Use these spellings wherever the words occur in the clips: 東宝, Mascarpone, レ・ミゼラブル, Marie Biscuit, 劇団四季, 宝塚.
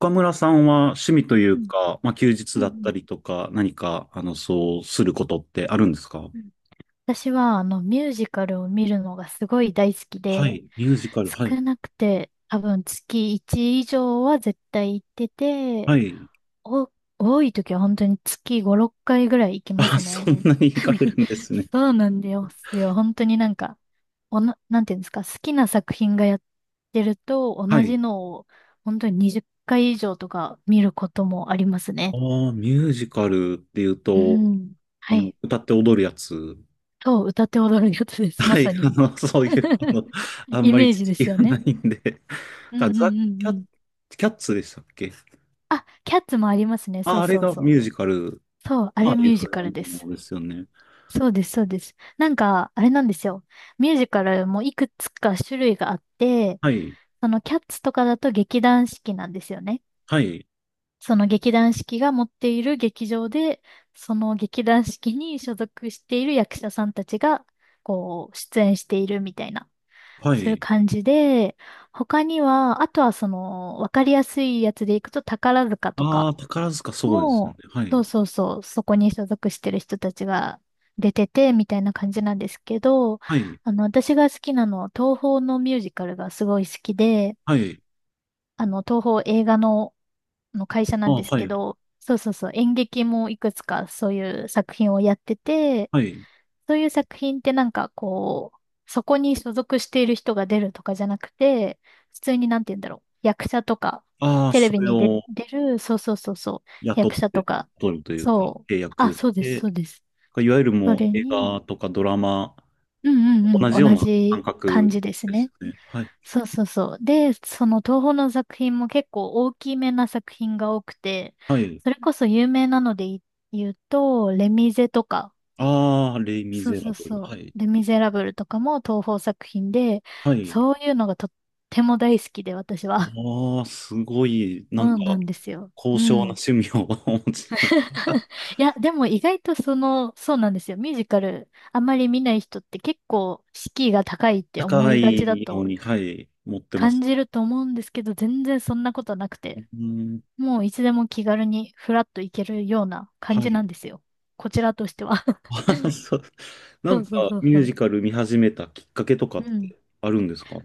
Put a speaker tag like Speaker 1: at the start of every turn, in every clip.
Speaker 1: 岡村さんは趣味とい
Speaker 2: う
Speaker 1: う
Speaker 2: ん。
Speaker 1: か、まあ、休
Speaker 2: う
Speaker 1: 日
Speaker 2: んう
Speaker 1: だった
Speaker 2: ん
Speaker 1: りとか、何か、そうすることってあるんですか？
Speaker 2: うん。私は、ミュージカルを見るのがすごい大好き
Speaker 1: は
Speaker 2: で、
Speaker 1: い、ミュージカル、はい、
Speaker 2: 少なくて、多分月1以上は絶対行ってて、
Speaker 1: はい。
Speaker 2: お、多い時は本当に月5、6回ぐらい行きま
Speaker 1: あ、
Speaker 2: す
Speaker 1: そ
Speaker 2: ね。
Speaker 1: んなに惹かれるんですね。
Speaker 2: そうなんですよ。本当に、なんていうんですか、好きな作品がやってると、
Speaker 1: は
Speaker 2: 同じ
Speaker 1: い。
Speaker 2: のを本当に20回以上とか見ることもありますね。
Speaker 1: ああ、ミュージカルっていう
Speaker 2: う
Speaker 1: と、
Speaker 2: ん。はい。
Speaker 1: 歌って踊るやつ。
Speaker 2: そう、歌って踊るやつです。ま
Speaker 1: はい、
Speaker 2: さ に。
Speaker 1: そういう、あん
Speaker 2: イ
Speaker 1: まり
Speaker 2: メー
Speaker 1: 知
Speaker 2: ジで
Speaker 1: 識
Speaker 2: すよ
Speaker 1: がな
Speaker 2: ね。
Speaker 1: いんで。
Speaker 2: うん
Speaker 1: あ
Speaker 2: うん
Speaker 1: ザ・
Speaker 2: うん
Speaker 1: キ
Speaker 2: う
Speaker 1: ャッ、
Speaker 2: ん。
Speaker 1: キャッツでしたっけ？
Speaker 2: あ、キャッツもありますね。そ
Speaker 1: あ、
Speaker 2: う
Speaker 1: あれ
Speaker 2: そう
Speaker 1: が
Speaker 2: そ
Speaker 1: ミ
Speaker 2: う。
Speaker 1: ュージカル、
Speaker 2: そう、あ
Speaker 1: ああ
Speaker 2: れ
Speaker 1: い
Speaker 2: ミ
Speaker 1: う
Speaker 2: ュー
Speaker 1: ふ
Speaker 2: ジ
Speaker 1: う
Speaker 2: カ
Speaker 1: な
Speaker 2: ルで
Speaker 1: も
Speaker 2: す。
Speaker 1: のですよね。
Speaker 2: そうです、そうです。なんか、あれなんですよ。ミュージカルもいくつか種類があって、
Speaker 1: はい、
Speaker 2: そのキャッツとかだと劇団四季なんですよね。
Speaker 1: はい、
Speaker 2: その劇団四季が持っている劇場で、その劇団四季に所属している役者さんたちが、こう、出演しているみたいな。
Speaker 1: は
Speaker 2: そういう
Speaker 1: い。
Speaker 2: 感じで、他には、あとはその、わかりやすいやつでいくと宝塚と
Speaker 1: あ
Speaker 2: か
Speaker 1: あ、宝塚、そうですよね。
Speaker 2: も、
Speaker 1: は
Speaker 2: そう
Speaker 1: い。
Speaker 2: そうそう、そこに所属してる人たちが出てて、みたいな感じなんですけど、
Speaker 1: はい。
Speaker 2: 私が好きなのは、東宝のミュージカルがすごい好きで、
Speaker 1: はい。
Speaker 2: 東宝映画の会社な
Speaker 1: あ
Speaker 2: ん
Speaker 1: あ、
Speaker 2: です
Speaker 1: は
Speaker 2: け
Speaker 1: い。
Speaker 2: ど、そうそうそう、演劇もいくつかそういう作品をやってて、
Speaker 1: はい。
Speaker 2: そういう作品ってなんかこう、そこに所属している人が出るとかじゃなくて、普通になんて言うんだろう。役者とか、
Speaker 1: ああ、
Speaker 2: テレ
Speaker 1: そ
Speaker 2: ビ
Speaker 1: れ
Speaker 2: に出、
Speaker 1: を
Speaker 2: 出る、そうそうそうそう、
Speaker 1: 雇っ
Speaker 2: 役者
Speaker 1: て、
Speaker 2: とか、
Speaker 1: 取るというか、
Speaker 2: そう。
Speaker 1: 契
Speaker 2: あ、
Speaker 1: 約し
Speaker 2: そうです、
Speaker 1: て、
Speaker 2: そうです。
Speaker 1: いわゆる
Speaker 2: そ
Speaker 1: もう
Speaker 2: れ
Speaker 1: 映
Speaker 2: に、
Speaker 1: 画とかドラマ、
Speaker 2: うんうん
Speaker 1: 同じ
Speaker 2: うん、
Speaker 1: よう
Speaker 2: 同
Speaker 1: な感
Speaker 2: じ感
Speaker 1: 覚
Speaker 2: じです
Speaker 1: です
Speaker 2: ね。
Speaker 1: ね。はい。
Speaker 2: そうそうそう。で、その東宝の作品も結構大きめな作品が多くて、
Speaker 1: はい。
Speaker 2: それこそ有名なので言うと、レミゼとか、
Speaker 1: ああ、レイ・ミ
Speaker 2: そう
Speaker 1: ゼ
Speaker 2: そ
Speaker 1: ラ
Speaker 2: う
Speaker 1: ブル。
Speaker 2: そ
Speaker 1: は
Speaker 2: う。
Speaker 1: い。
Speaker 2: レ・ミゼラブルとかも東宝作品で、
Speaker 1: はい。
Speaker 2: そういうのがとっても大好きで、私は。
Speaker 1: ああ、すごい、なん
Speaker 2: う
Speaker 1: か、
Speaker 2: ん、なんですよ。
Speaker 1: 高
Speaker 2: う
Speaker 1: 尚な
Speaker 2: ん。
Speaker 1: 趣味を お持ちな。
Speaker 2: いや、でも意外とその、そうなんですよ。ミュージカル、あまり見ない人って結構敷居が高いって思
Speaker 1: 高
Speaker 2: いがちだ
Speaker 1: いの
Speaker 2: と
Speaker 1: に、はい、持ってま
Speaker 2: 感
Speaker 1: す。
Speaker 2: じると思うんですけど、全然そんなことなく
Speaker 1: う
Speaker 2: て、
Speaker 1: ーん、
Speaker 2: もういつでも気軽にフラッと行けるような感
Speaker 1: は
Speaker 2: じな
Speaker 1: い。
Speaker 2: んですよ。こちらとしては。
Speaker 1: あ、そう。な
Speaker 2: そ
Speaker 1: ん
Speaker 2: う
Speaker 1: か、
Speaker 2: そうそう
Speaker 1: ミ
Speaker 2: そ
Speaker 1: ュー
Speaker 2: う。
Speaker 1: ジカル見始めたきっかけとか
Speaker 2: う
Speaker 1: っ
Speaker 2: ん。
Speaker 1: てあるんですか？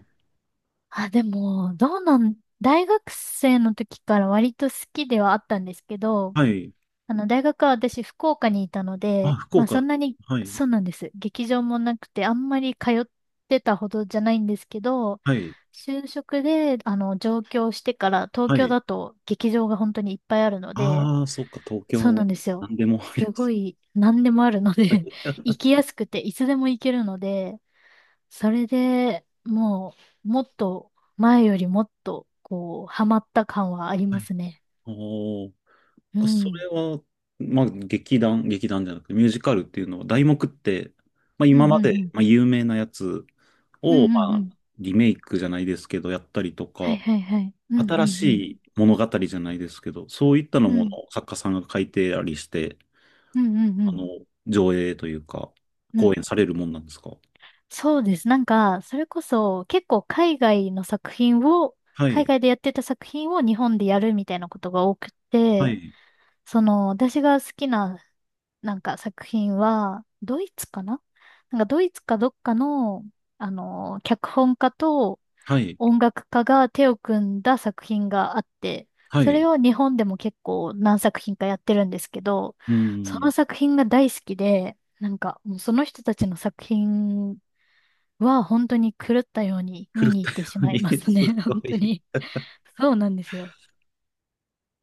Speaker 2: あ、でも、どうなん、大学生の時から割と好きではあったんですけど、
Speaker 1: はい。
Speaker 2: 大学は私福岡にいたの
Speaker 1: あ、
Speaker 2: で、
Speaker 1: 福
Speaker 2: まあそ
Speaker 1: 岡。
Speaker 2: んなに、
Speaker 1: はい。
Speaker 2: そうなんです。劇場もなくて、あんまり通ってたほどじゃないんですけど、
Speaker 1: はい。
Speaker 2: 就職で、上京してから、東
Speaker 1: は
Speaker 2: 京
Speaker 1: い。
Speaker 2: だと劇場が本当にいっぱいあるので、
Speaker 1: ああ、そっか、東
Speaker 2: そう
Speaker 1: 京。
Speaker 2: なんです
Speaker 1: な
Speaker 2: よ。
Speaker 1: んでもありま
Speaker 2: すご
Speaker 1: す。
Speaker 2: い、何でもあるので 行きやすくて、いつでも行けるので、それでもう、もっと、前よりもっと、こう、ハマった感はあり
Speaker 1: は
Speaker 2: ま
Speaker 1: い。
Speaker 2: すね。
Speaker 1: おー。
Speaker 2: う
Speaker 1: そ
Speaker 2: ん。
Speaker 1: れは、まあ、劇団じゃなくて、ミュージカルっていうのは、題目って、まあ、
Speaker 2: うん
Speaker 1: 今
Speaker 2: うん
Speaker 1: ま
Speaker 2: う
Speaker 1: で、
Speaker 2: ん。
Speaker 1: まあ、有名なやつ
Speaker 2: う
Speaker 1: を、
Speaker 2: ん
Speaker 1: ま
Speaker 2: うんう
Speaker 1: あ、
Speaker 2: ん。
Speaker 1: リメイクじゃないですけど、やったりと
Speaker 2: はい
Speaker 1: か、
Speaker 2: はいはい。うんう
Speaker 1: 新し
Speaker 2: んうん。
Speaker 1: い物語じゃないですけど、そういったの
Speaker 2: う
Speaker 1: もの
Speaker 2: ん。
Speaker 1: を作家さんが書いてありして、
Speaker 2: うんうんう
Speaker 1: あ
Speaker 2: ん。
Speaker 1: の、上映というか、
Speaker 2: うん。
Speaker 1: 公演されるもんなんですか？
Speaker 2: そうです。なんか、それこそ、結構海外の作品を、
Speaker 1: はい、
Speaker 2: 海外でやってた作品を日本でやるみたいなことが多く
Speaker 1: は
Speaker 2: て、
Speaker 1: い、
Speaker 2: その、私が好きな、なんか作品は、ドイツかななんかドイツかどっかの、脚本家と、
Speaker 1: はい、
Speaker 2: 音楽家が手を組んだ作品があって、
Speaker 1: は
Speaker 2: それ
Speaker 1: い。
Speaker 2: を日本でも結構何作品かやってるんですけど、
Speaker 1: う
Speaker 2: その
Speaker 1: ん。
Speaker 2: 作品が大好きで、なんかもうその人たちの作品は本当に狂ったように見
Speaker 1: 古
Speaker 2: に行
Speaker 1: 田
Speaker 2: っ
Speaker 1: よ
Speaker 2: てしま
Speaker 1: に
Speaker 2: いま す
Speaker 1: す
Speaker 2: ね。
Speaker 1: ご
Speaker 2: 本当
Speaker 1: い。
Speaker 2: に。そうなんですよ。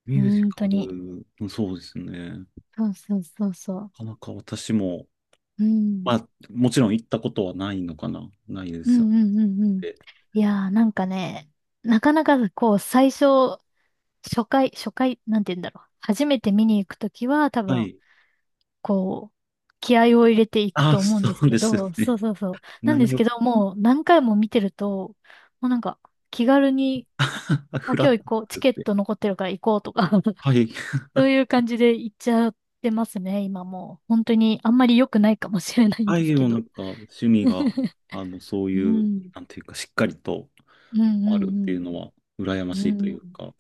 Speaker 1: ミュージ
Speaker 2: 本
Speaker 1: カ
Speaker 2: 当に。
Speaker 1: ル、うんそうですね。な
Speaker 2: そうそうそうそう。
Speaker 1: かなか私も、
Speaker 2: う
Speaker 1: ま
Speaker 2: ん。
Speaker 1: あ、もちろん行ったことはないのかなないで
Speaker 2: う
Speaker 1: すよ
Speaker 2: んうんうんうん。
Speaker 1: ね。
Speaker 2: いやーなんかね、なかなかこう最初、初回、初回、なんて言うんだろう。初めて見に行くときは多
Speaker 1: は
Speaker 2: 分
Speaker 1: い。
Speaker 2: こう、気合を入れていく
Speaker 1: ああ、
Speaker 2: と思うん
Speaker 1: そ
Speaker 2: です
Speaker 1: う
Speaker 2: け
Speaker 1: ですよ
Speaker 2: ど、そ
Speaker 1: ね。
Speaker 2: うそうそう。なんです
Speaker 1: 何を、
Speaker 2: けど、もう何回も見てると、もうなんか気軽に、あ、
Speaker 1: フラッ
Speaker 2: 今
Speaker 1: と
Speaker 2: 日行こう、チ
Speaker 1: 作っ
Speaker 2: ケッ
Speaker 1: て。
Speaker 2: ト残ってるから行こうとか、
Speaker 1: はい。
Speaker 2: そういう感じで行っちゃってますね、今もう。本当にあんまり良くないかもしれないん
Speaker 1: は
Speaker 2: です
Speaker 1: い、
Speaker 2: け
Speaker 1: もうな
Speaker 2: ど。
Speaker 1: んか、趣味が、そう
Speaker 2: う
Speaker 1: いう、
Speaker 2: ん。
Speaker 1: なんていうか、しっかりと、
Speaker 2: うん
Speaker 1: あるっ
Speaker 2: う
Speaker 1: てい
Speaker 2: ん
Speaker 1: うのは羨ま
Speaker 2: うん。
Speaker 1: しいと
Speaker 2: う
Speaker 1: いう
Speaker 2: ん。
Speaker 1: か、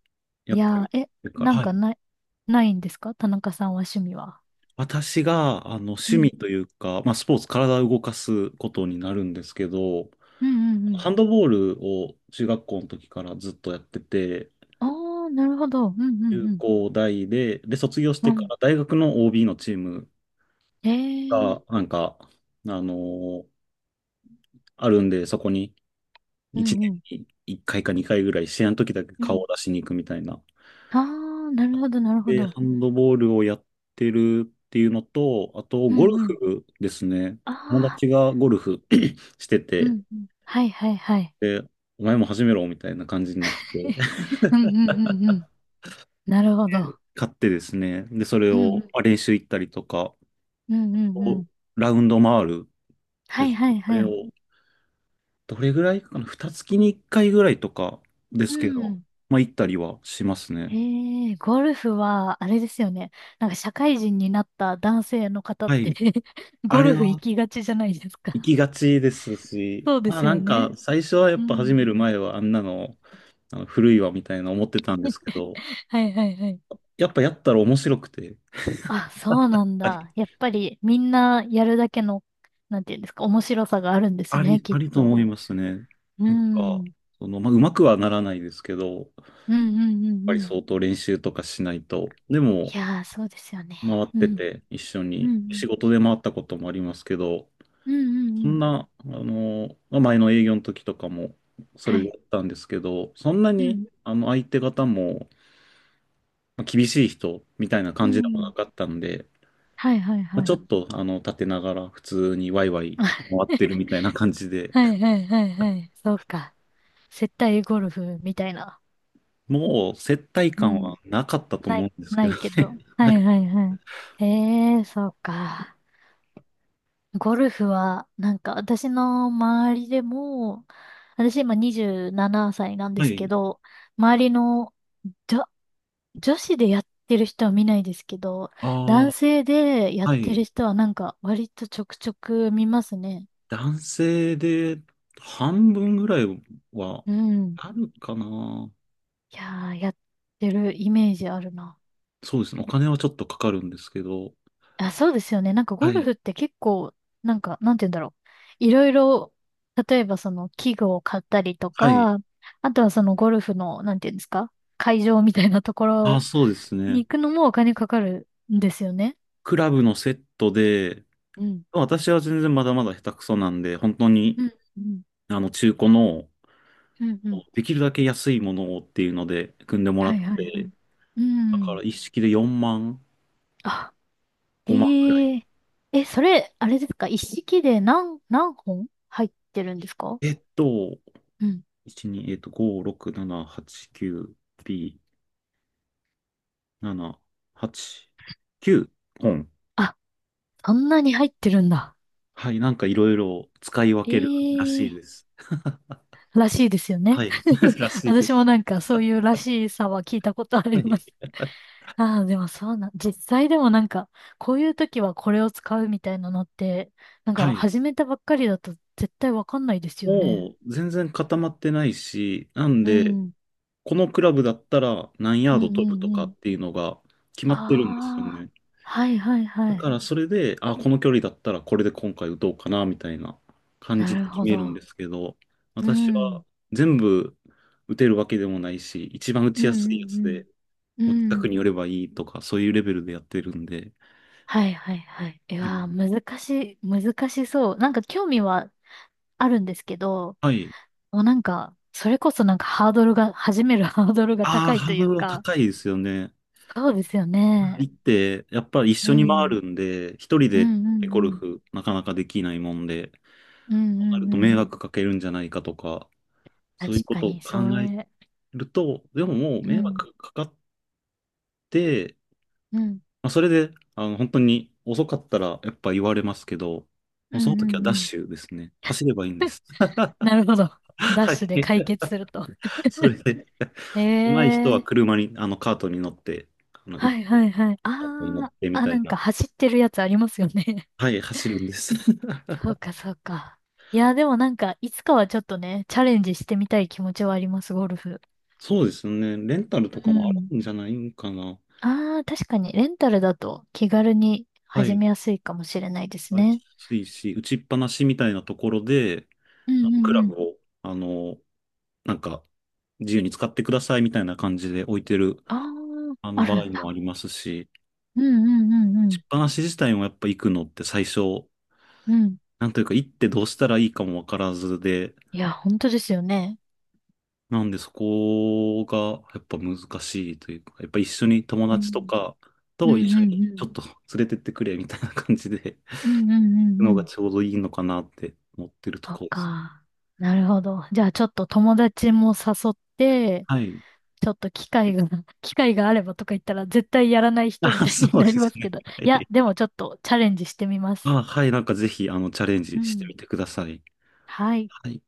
Speaker 1: や
Speaker 2: い
Speaker 1: っぱ
Speaker 2: や
Speaker 1: り、
Speaker 2: ー、え、
Speaker 1: だか
Speaker 2: な
Speaker 1: ら、
Speaker 2: ん
Speaker 1: は
Speaker 2: か
Speaker 1: い。
Speaker 2: ない、ないんですか田中さんは趣味は。
Speaker 1: 私が
Speaker 2: う
Speaker 1: 趣味
Speaker 2: ん。
Speaker 1: というか、まあ、スポーツ、体を動かすことになるんですけど、
Speaker 2: うんうんうん。
Speaker 1: ハンドボールを中学校の時からずっとやってて、
Speaker 2: ああ、なるほど。うんうん
Speaker 1: 中
Speaker 2: うん。
Speaker 1: 高大で、卒業し
Speaker 2: う
Speaker 1: てか
Speaker 2: ん。
Speaker 1: ら大学の OB のチーム
Speaker 2: え
Speaker 1: が、
Speaker 2: え
Speaker 1: なんか、あのーあるんで、そこに
Speaker 2: う
Speaker 1: 1
Speaker 2: んうん。
Speaker 1: 年に1回か2回ぐらい、試合の時だけ
Speaker 2: う
Speaker 1: 顔を
Speaker 2: ん。
Speaker 1: 出しに行くみたいな
Speaker 2: ああ、なるほど、なるほ
Speaker 1: で、
Speaker 2: ど。
Speaker 1: ハンドボールをやってるっていうのと、あと、
Speaker 2: う
Speaker 1: ゴル
Speaker 2: んうん。
Speaker 1: フですね。友
Speaker 2: ああ、
Speaker 1: 達がゴルフ して
Speaker 2: う
Speaker 1: て、
Speaker 2: んうん。はいはいはい。
Speaker 1: で、お前も始めろみたいな感じになって、
Speaker 2: うんうんうんうん。なるほど。
Speaker 1: 買ってですね、で、それ
Speaker 2: うんう
Speaker 1: を
Speaker 2: ん。
Speaker 1: まあ練習行ったりとか、
Speaker 2: うんうんうん。
Speaker 1: ラウンド回る
Speaker 2: は
Speaker 1: で
Speaker 2: い
Speaker 1: すか
Speaker 2: は
Speaker 1: ね。
Speaker 2: い
Speaker 1: あ
Speaker 2: は
Speaker 1: れを、
Speaker 2: い。
Speaker 1: どれぐらいかな、二月に一回ぐらいとかで
Speaker 2: う
Speaker 1: すけど、
Speaker 2: ん。
Speaker 1: まあ行ったりはしますね。
Speaker 2: ええ、ゴルフは、あれですよね。なんか社会人になった男性の方っ
Speaker 1: は
Speaker 2: て
Speaker 1: い。あ
Speaker 2: ゴ
Speaker 1: れ
Speaker 2: ルフ行
Speaker 1: は、
Speaker 2: きがちじゃないです
Speaker 1: 行
Speaker 2: か。
Speaker 1: きがちですし、
Speaker 2: そうで
Speaker 1: まあ
Speaker 2: す
Speaker 1: な
Speaker 2: よ
Speaker 1: んか
Speaker 2: ね。
Speaker 1: 最初はやっ
Speaker 2: う
Speaker 1: ぱ始
Speaker 2: ん。
Speaker 1: める前はあんなの、あの古いわみたいな思ってたんですけ ど、
Speaker 2: はいはいはい。
Speaker 1: やっぱやったら面白くて、
Speaker 2: あ、そうなん
Speaker 1: あり、
Speaker 2: だ。やっぱりみんなやるだけの、なんていうんですか、面白さがあるんです
Speaker 1: あ
Speaker 2: ね、
Speaker 1: り、
Speaker 2: き
Speaker 1: あ
Speaker 2: っ
Speaker 1: りと思
Speaker 2: と。
Speaker 1: いますね。
Speaker 2: う
Speaker 1: なん
Speaker 2: ん。う
Speaker 1: か、
Speaker 2: ん
Speaker 1: その、まあうまくはならないですけど、やっ
Speaker 2: うんうん
Speaker 1: ぱ
Speaker 2: う
Speaker 1: り
Speaker 2: ん。
Speaker 1: 相当練習とかしないと。でも、
Speaker 2: いやー、そうですよね。
Speaker 1: 回っ
Speaker 2: う
Speaker 1: て
Speaker 2: ん。
Speaker 1: て一緒
Speaker 2: う
Speaker 1: に
Speaker 2: んう
Speaker 1: 仕
Speaker 2: ん。
Speaker 1: 事で回ったこともありますけど、
Speaker 2: うんう
Speaker 1: そ
Speaker 2: んう
Speaker 1: ん
Speaker 2: ん。
Speaker 1: な、まあ前の営業の時とかもそ
Speaker 2: は
Speaker 1: れでや
Speaker 2: い。
Speaker 1: ったんですけど、そんな
Speaker 2: う
Speaker 1: に
Speaker 2: ん。
Speaker 1: あの相手方も厳しい人みたいな
Speaker 2: う
Speaker 1: 感じでもな
Speaker 2: ん。
Speaker 1: かったんで、
Speaker 2: はいはい
Speaker 1: まあ、
Speaker 2: は
Speaker 1: ちょ
Speaker 2: い。
Speaker 1: っと立てながら普通にワイワイ回ってるみ たいな感じで、
Speaker 2: はいはいはいはい。そうか。接待ゴルフみたいな。
Speaker 1: もう接待
Speaker 2: う
Speaker 1: 感
Speaker 2: ん。
Speaker 1: はなかったと
Speaker 2: な
Speaker 1: 思う
Speaker 2: い、
Speaker 1: んです
Speaker 2: な
Speaker 1: けど
Speaker 2: い
Speaker 1: ね。
Speaker 2: けど。は
Speaker 1: はい。
Speaker 2: いはいはい。ええー、そうか。ゴルフは、なんか私の周りでも、私今27歳ななさいなんで
Speaker 1: は
Speaker 2: すけ
Speaker 1: い。
Speaker 2: ど、周りの女、女子でやってる人は見ないですけど、
Speaker 1: あ
Speaker 2: 男性でや
Speaker 1: あ、
Speaker 2: っ
Speaker 1: は
Speaker 2: て
Speaker 1: い。
Speaker 2: る人はなんか割とちょくちょく見ますね。
Speaker 1: 男性で半分ぐらいは
Speaker 2: うん。
Speaker 1: あるかな。
Speaker 2: いやー、やってるイメージあるな。
Speaker 1: そうですね。お金はちょっとかかるんですけど。
Speaker 2: あ、そうですよね。なんかゴ
Speaker 1: は
Speaker 2: ル
Speaker 1: い。
Speaker 2: フって結構、なんか、なんて言うんだろう。いろいろ、例えばその器具を買ったりと
Speaker 1: はい。
Speaker 2: か、あとはそのゴルフの、なんて言うんですか、会場みたいなとこ
Speaker 1: ああ、
Speaker 2: ろ
Speaker 1: そうですね。
Speaker 2: に行くのもお金かかるんですよね。
Speaker 1: クラブのセットで、
Speaker 2: うん。
Speaker 1: 私は全然まだまだ下手くそなんで、本当に、
Speaker 2: うん、うん、
Speaker 1: 中古の
Speaker 2: うん。
Speaker 1: できるだけ安いものをっていうので組んでもらっ
Speaker 2: はいはいは
Speaker 1: て、
Speaker 2: い。う
Speaker 1: だか
Speaker 2: ん。
Speaker 1: ら一式で4万、
Speaker 2: あ、え
Speaker 1: 5万ぐらい。
Speaker 2: え。え、それ、あれですか一式で何本入ってるんですか？
Speaker 1: えっと、
Speaker 2: うん。
Speaker 1: 1、2、5、6、7、8、9、B、7、8、9本。
Speaker 2: あ、そんなに入ってるんだ。
Speaker 1: はい、なんかいろいろ使い分けるらし
Speaker 2: え
Speaker 1: いで
Speaker 2: え
Speaker 1: す。
Speaker 2: らしいですよね。
Speaker 1: はい。らしいです。
Speaker 2: 私もなんかそういうらしさは聞いたことあ
Speaker 1: は
Speaker 2: りま
Speaker 1: い。
Speaker 2: す。ああ、でもそうなん、実際でもなんか、こういう時はこれを使うみたいなのって、なん
Speaker 1: は
Speaker 2: か
Speaker 1: い。
Speaker 2: 始めたばっかりだと絶対わかんないですよね。
Speaker 1: もう全然固まってないし、なん
Speaker 2: う
Speaker 1: で、
Speaker 2: ん。
Speaker 1: このクラブだったら何
Speaker 2: う
Speaker 1: ヤ
Speaker 2: ん
Speaker 1: ード
Speaker 2: う
Speaker 1: 飛ぶと
Speaker 2: んう
Speaker 1: かっ
Speaker 2: ん。
Speaker 1: ていうのが決まってるんですよ
Speaker 2: ああ、
Speaker 1: ね。
Speaker 2: はいはいは
Speaker 1: だか
Speaker 2: い。
Speaker 1: らそれで、あ、この距離だったらこれで今回打とうかな、みたいな感じ
Speaker 2: なる
Speaker 1: で決
Speaker 2: ほ
Speaker 1: めるんで
Speaker 2: ど。
Speaker 1: すけど、
Speaker 2: う
Speaker 1: 私は
Speaker 2: ん。
Speaker 1: 全部打てるわけでもないし、一番打
Speaker 2: う
Speaker 1: ちや
Speaker 2: ん
Speaker 1: すい
Speaker 2: う
Speaker 1: やつで、
Speaker 2: んう
Speaker 1: もう
Speaker 2: ん。
Speaker 1: 近
Speaker 2: う
Speaker 1: く
Speaker 2: ん。
Speaker 1: に寄ればいいとか、そういうレベルでやってるんで、
Speaker 2: はいはいはい。い
Speaker 1: う
Speaker 2: や
Speaker 1: ん、
Speaker 2: ー、難しそう。なんか興味はあるんですけど、
Speaker 1: はい。
Speaker 2: もうなんか、それこそなんかハードルが、始める ハードルが
Speaker 1: あ
Speaker 2: 高
Speaker 1: あ、
Speaker 2: い
Speaker 1: ハ
Speaker 2: と
Speaker 1: ー
Speaker 2: い
Speaker 1: ド
Speaker 2: う
Speaker 1: ルは
Speaker 2: か、
Speaker 1: 高いですよね。
Speaker 2: そうですよね。
Speaker 1: 行って、やっぱり一
Speaker 2: う
Speaker 1: 緒に回
Speaker 2: ん。
Speaker 1: るんで、一人
Speaker 2: うん
Speaker 1: で
Speaker 2: うんう
Speaker 1: ゴル
Speaker 2: ん。
Speaker 1: フなかなかできないもんで、
Speaker 2: うんう
Speaker 1: そうなる
Speaker 2: ん
Speaker 1: と
Speaker 2: う
Speaker 1: 迷
Speaker 2: ん。
Speaker 1: 惑かけるんじゃないかとか、そ
Speaker 2: 確
Speaker 1: ういうこ
Speaker 2: か
Speaker 1: とを
Speaker 2: に、
Speaker 1: 考
Speaker 2: そ
Speaker 1: え
Speaker 2: れ。
Speaker 1: ると、でももう
Speaker 2: う
Speaker 1: 迷
Speaker 2: ん。
Speaker 1: 惑かかって、
Speaker 2: うん。
Speaker 1: まあ、それで、本当に遅かったらやっぱ言われますけど、も
Speaker 2: う
Speaker 1: う
Speaker 2: ん
Speaker 1: そ
Speaker 2: う
Speaker 1: の時は
Speaker 2: ん
Speaker 1: ダッ
Speaker 2: うん。
Speaker 1: シュですね。走ればいいんです。
Speaker 2: なるほど。ダッ
Speaker 1: は
Speaker 2: シュで解
Speaker 1: い。
Speaker 2: 決すると。
Speaker 1: それで、上手い人は
Speaker 2: ええ
Speaker 1: 車に、カートに乗って、
Speaker 2: はいはいはい。あ
Speaker 1: カートに乗っ
Speaker 2: ー、
Speaker 1: てみ
Speaker 2: あ、
Speaker 1: た
Speaker 2: な
Speaker 1: い
Speaker 2: んか
Speaker 1: な。
Speaker 2: 走ってるやつありますよね。
Speaker 1: はい、走るんです。
Speaker 2: そうかそうか。いや、でもなんか、いつかはちょっとね、チャレンジしてみたい気持ちはあります、ゴルフ。
Speaker 1: そうですね。レンタルと
Speaker 2: う
Speaker 1: かもあ
Speaker 2: ん。
Speaker 1: るんじゃないんかな。
Speaker 2: ああ、確かに、レンタルだと気軽に
Speaker 1: は
Speaker 2: 始
Speaker 1: い。
Speaker 2: めやすいかもしれないですね。
Speaker 1: 安いし、打ちっぱなしみたいなところで、
Speaker 2: う
Speaker 1: あ
Speaker 2: ん
Speaker 1: の
Speaker 2: う
Speaker 1: ク
Speaker 2: ん
Speaker 1: ラ
Speaker 2: う
Speaker 1: ブ
Speaker 2: ん。
Speaker 1: を、なんか、自由に使ってくださいみたいな感じで置いてる、
Speaker 2: ああ、あ
Speaker 1: 場
Speaker 2: る
Speaker 1: 合
Speaker 2: ん
Speaker 1: も
Speaker 2: だ。
Speaker 1: ありますし、
Speaker 2: うんうんう
Speaker 1: し
Speaker 2: ん
Speaker 1: っぱなし自体もやっぱ行くのって最初、
Speaker 2: うん。うん。
Speaker 1: なんというか行ってどうしたらいいかもわからずで、
Speaker 2: いや、本当ですよね。
Speaker 1: なんでそこがやっぱ難しいというか、やっぱ一緒に友
Speaker 2: う
Speaker 1: 達と
Speaker 2: ん。
Speaker 1: か
Speaker 2: う
Speaker 1: と
Speaker 2: ん
Speaker 1: 一
Speaker 2: う
Speaker 1: 緒
Speaker 2: ん
Speaker 1: に
Speaker 2: う
Speaker 1: ちょ
Speaker 2: ん。
Speaker 1: っと連れてってくれみたいな感じで、
Speaker 2: うんうんうんう
Speaker 1: のが
Speaker 2: ん。
Speaker 1: ちょうどいいのかなって思ってると
Speaker 2: そっ
Speaker 1: ころです。
Speaker 2: か。なるほど。じゃあ、ちょっと友達も誘って、
Speaker 1: はい。
Speaker 2: ちょっと機会が、機会があればとか言ったら絶対やらない人み
Speaker 1: あ、
Speaker 2: たいに
Speaker 1: そう
Speaker 2: な
Speaker 1: で
Speaker 2: りま
Speaker 1: す
Speaker 2: すけ
Speaker 1: ね。
Speaker 2: ど。
Speaker 1: は
Speaker 2: いや、
Speaker 1: い。
Speaker 2: でもちょっとチャレンジしてみます。
Speaker 1: あ、はい、なんかぜひチャレン
Speaker 2: う
Speaker 1: ジして
Speaker 2: ん。
Speaker 1: みてください。
Speaker 2: はい。
Speaker 1: はい。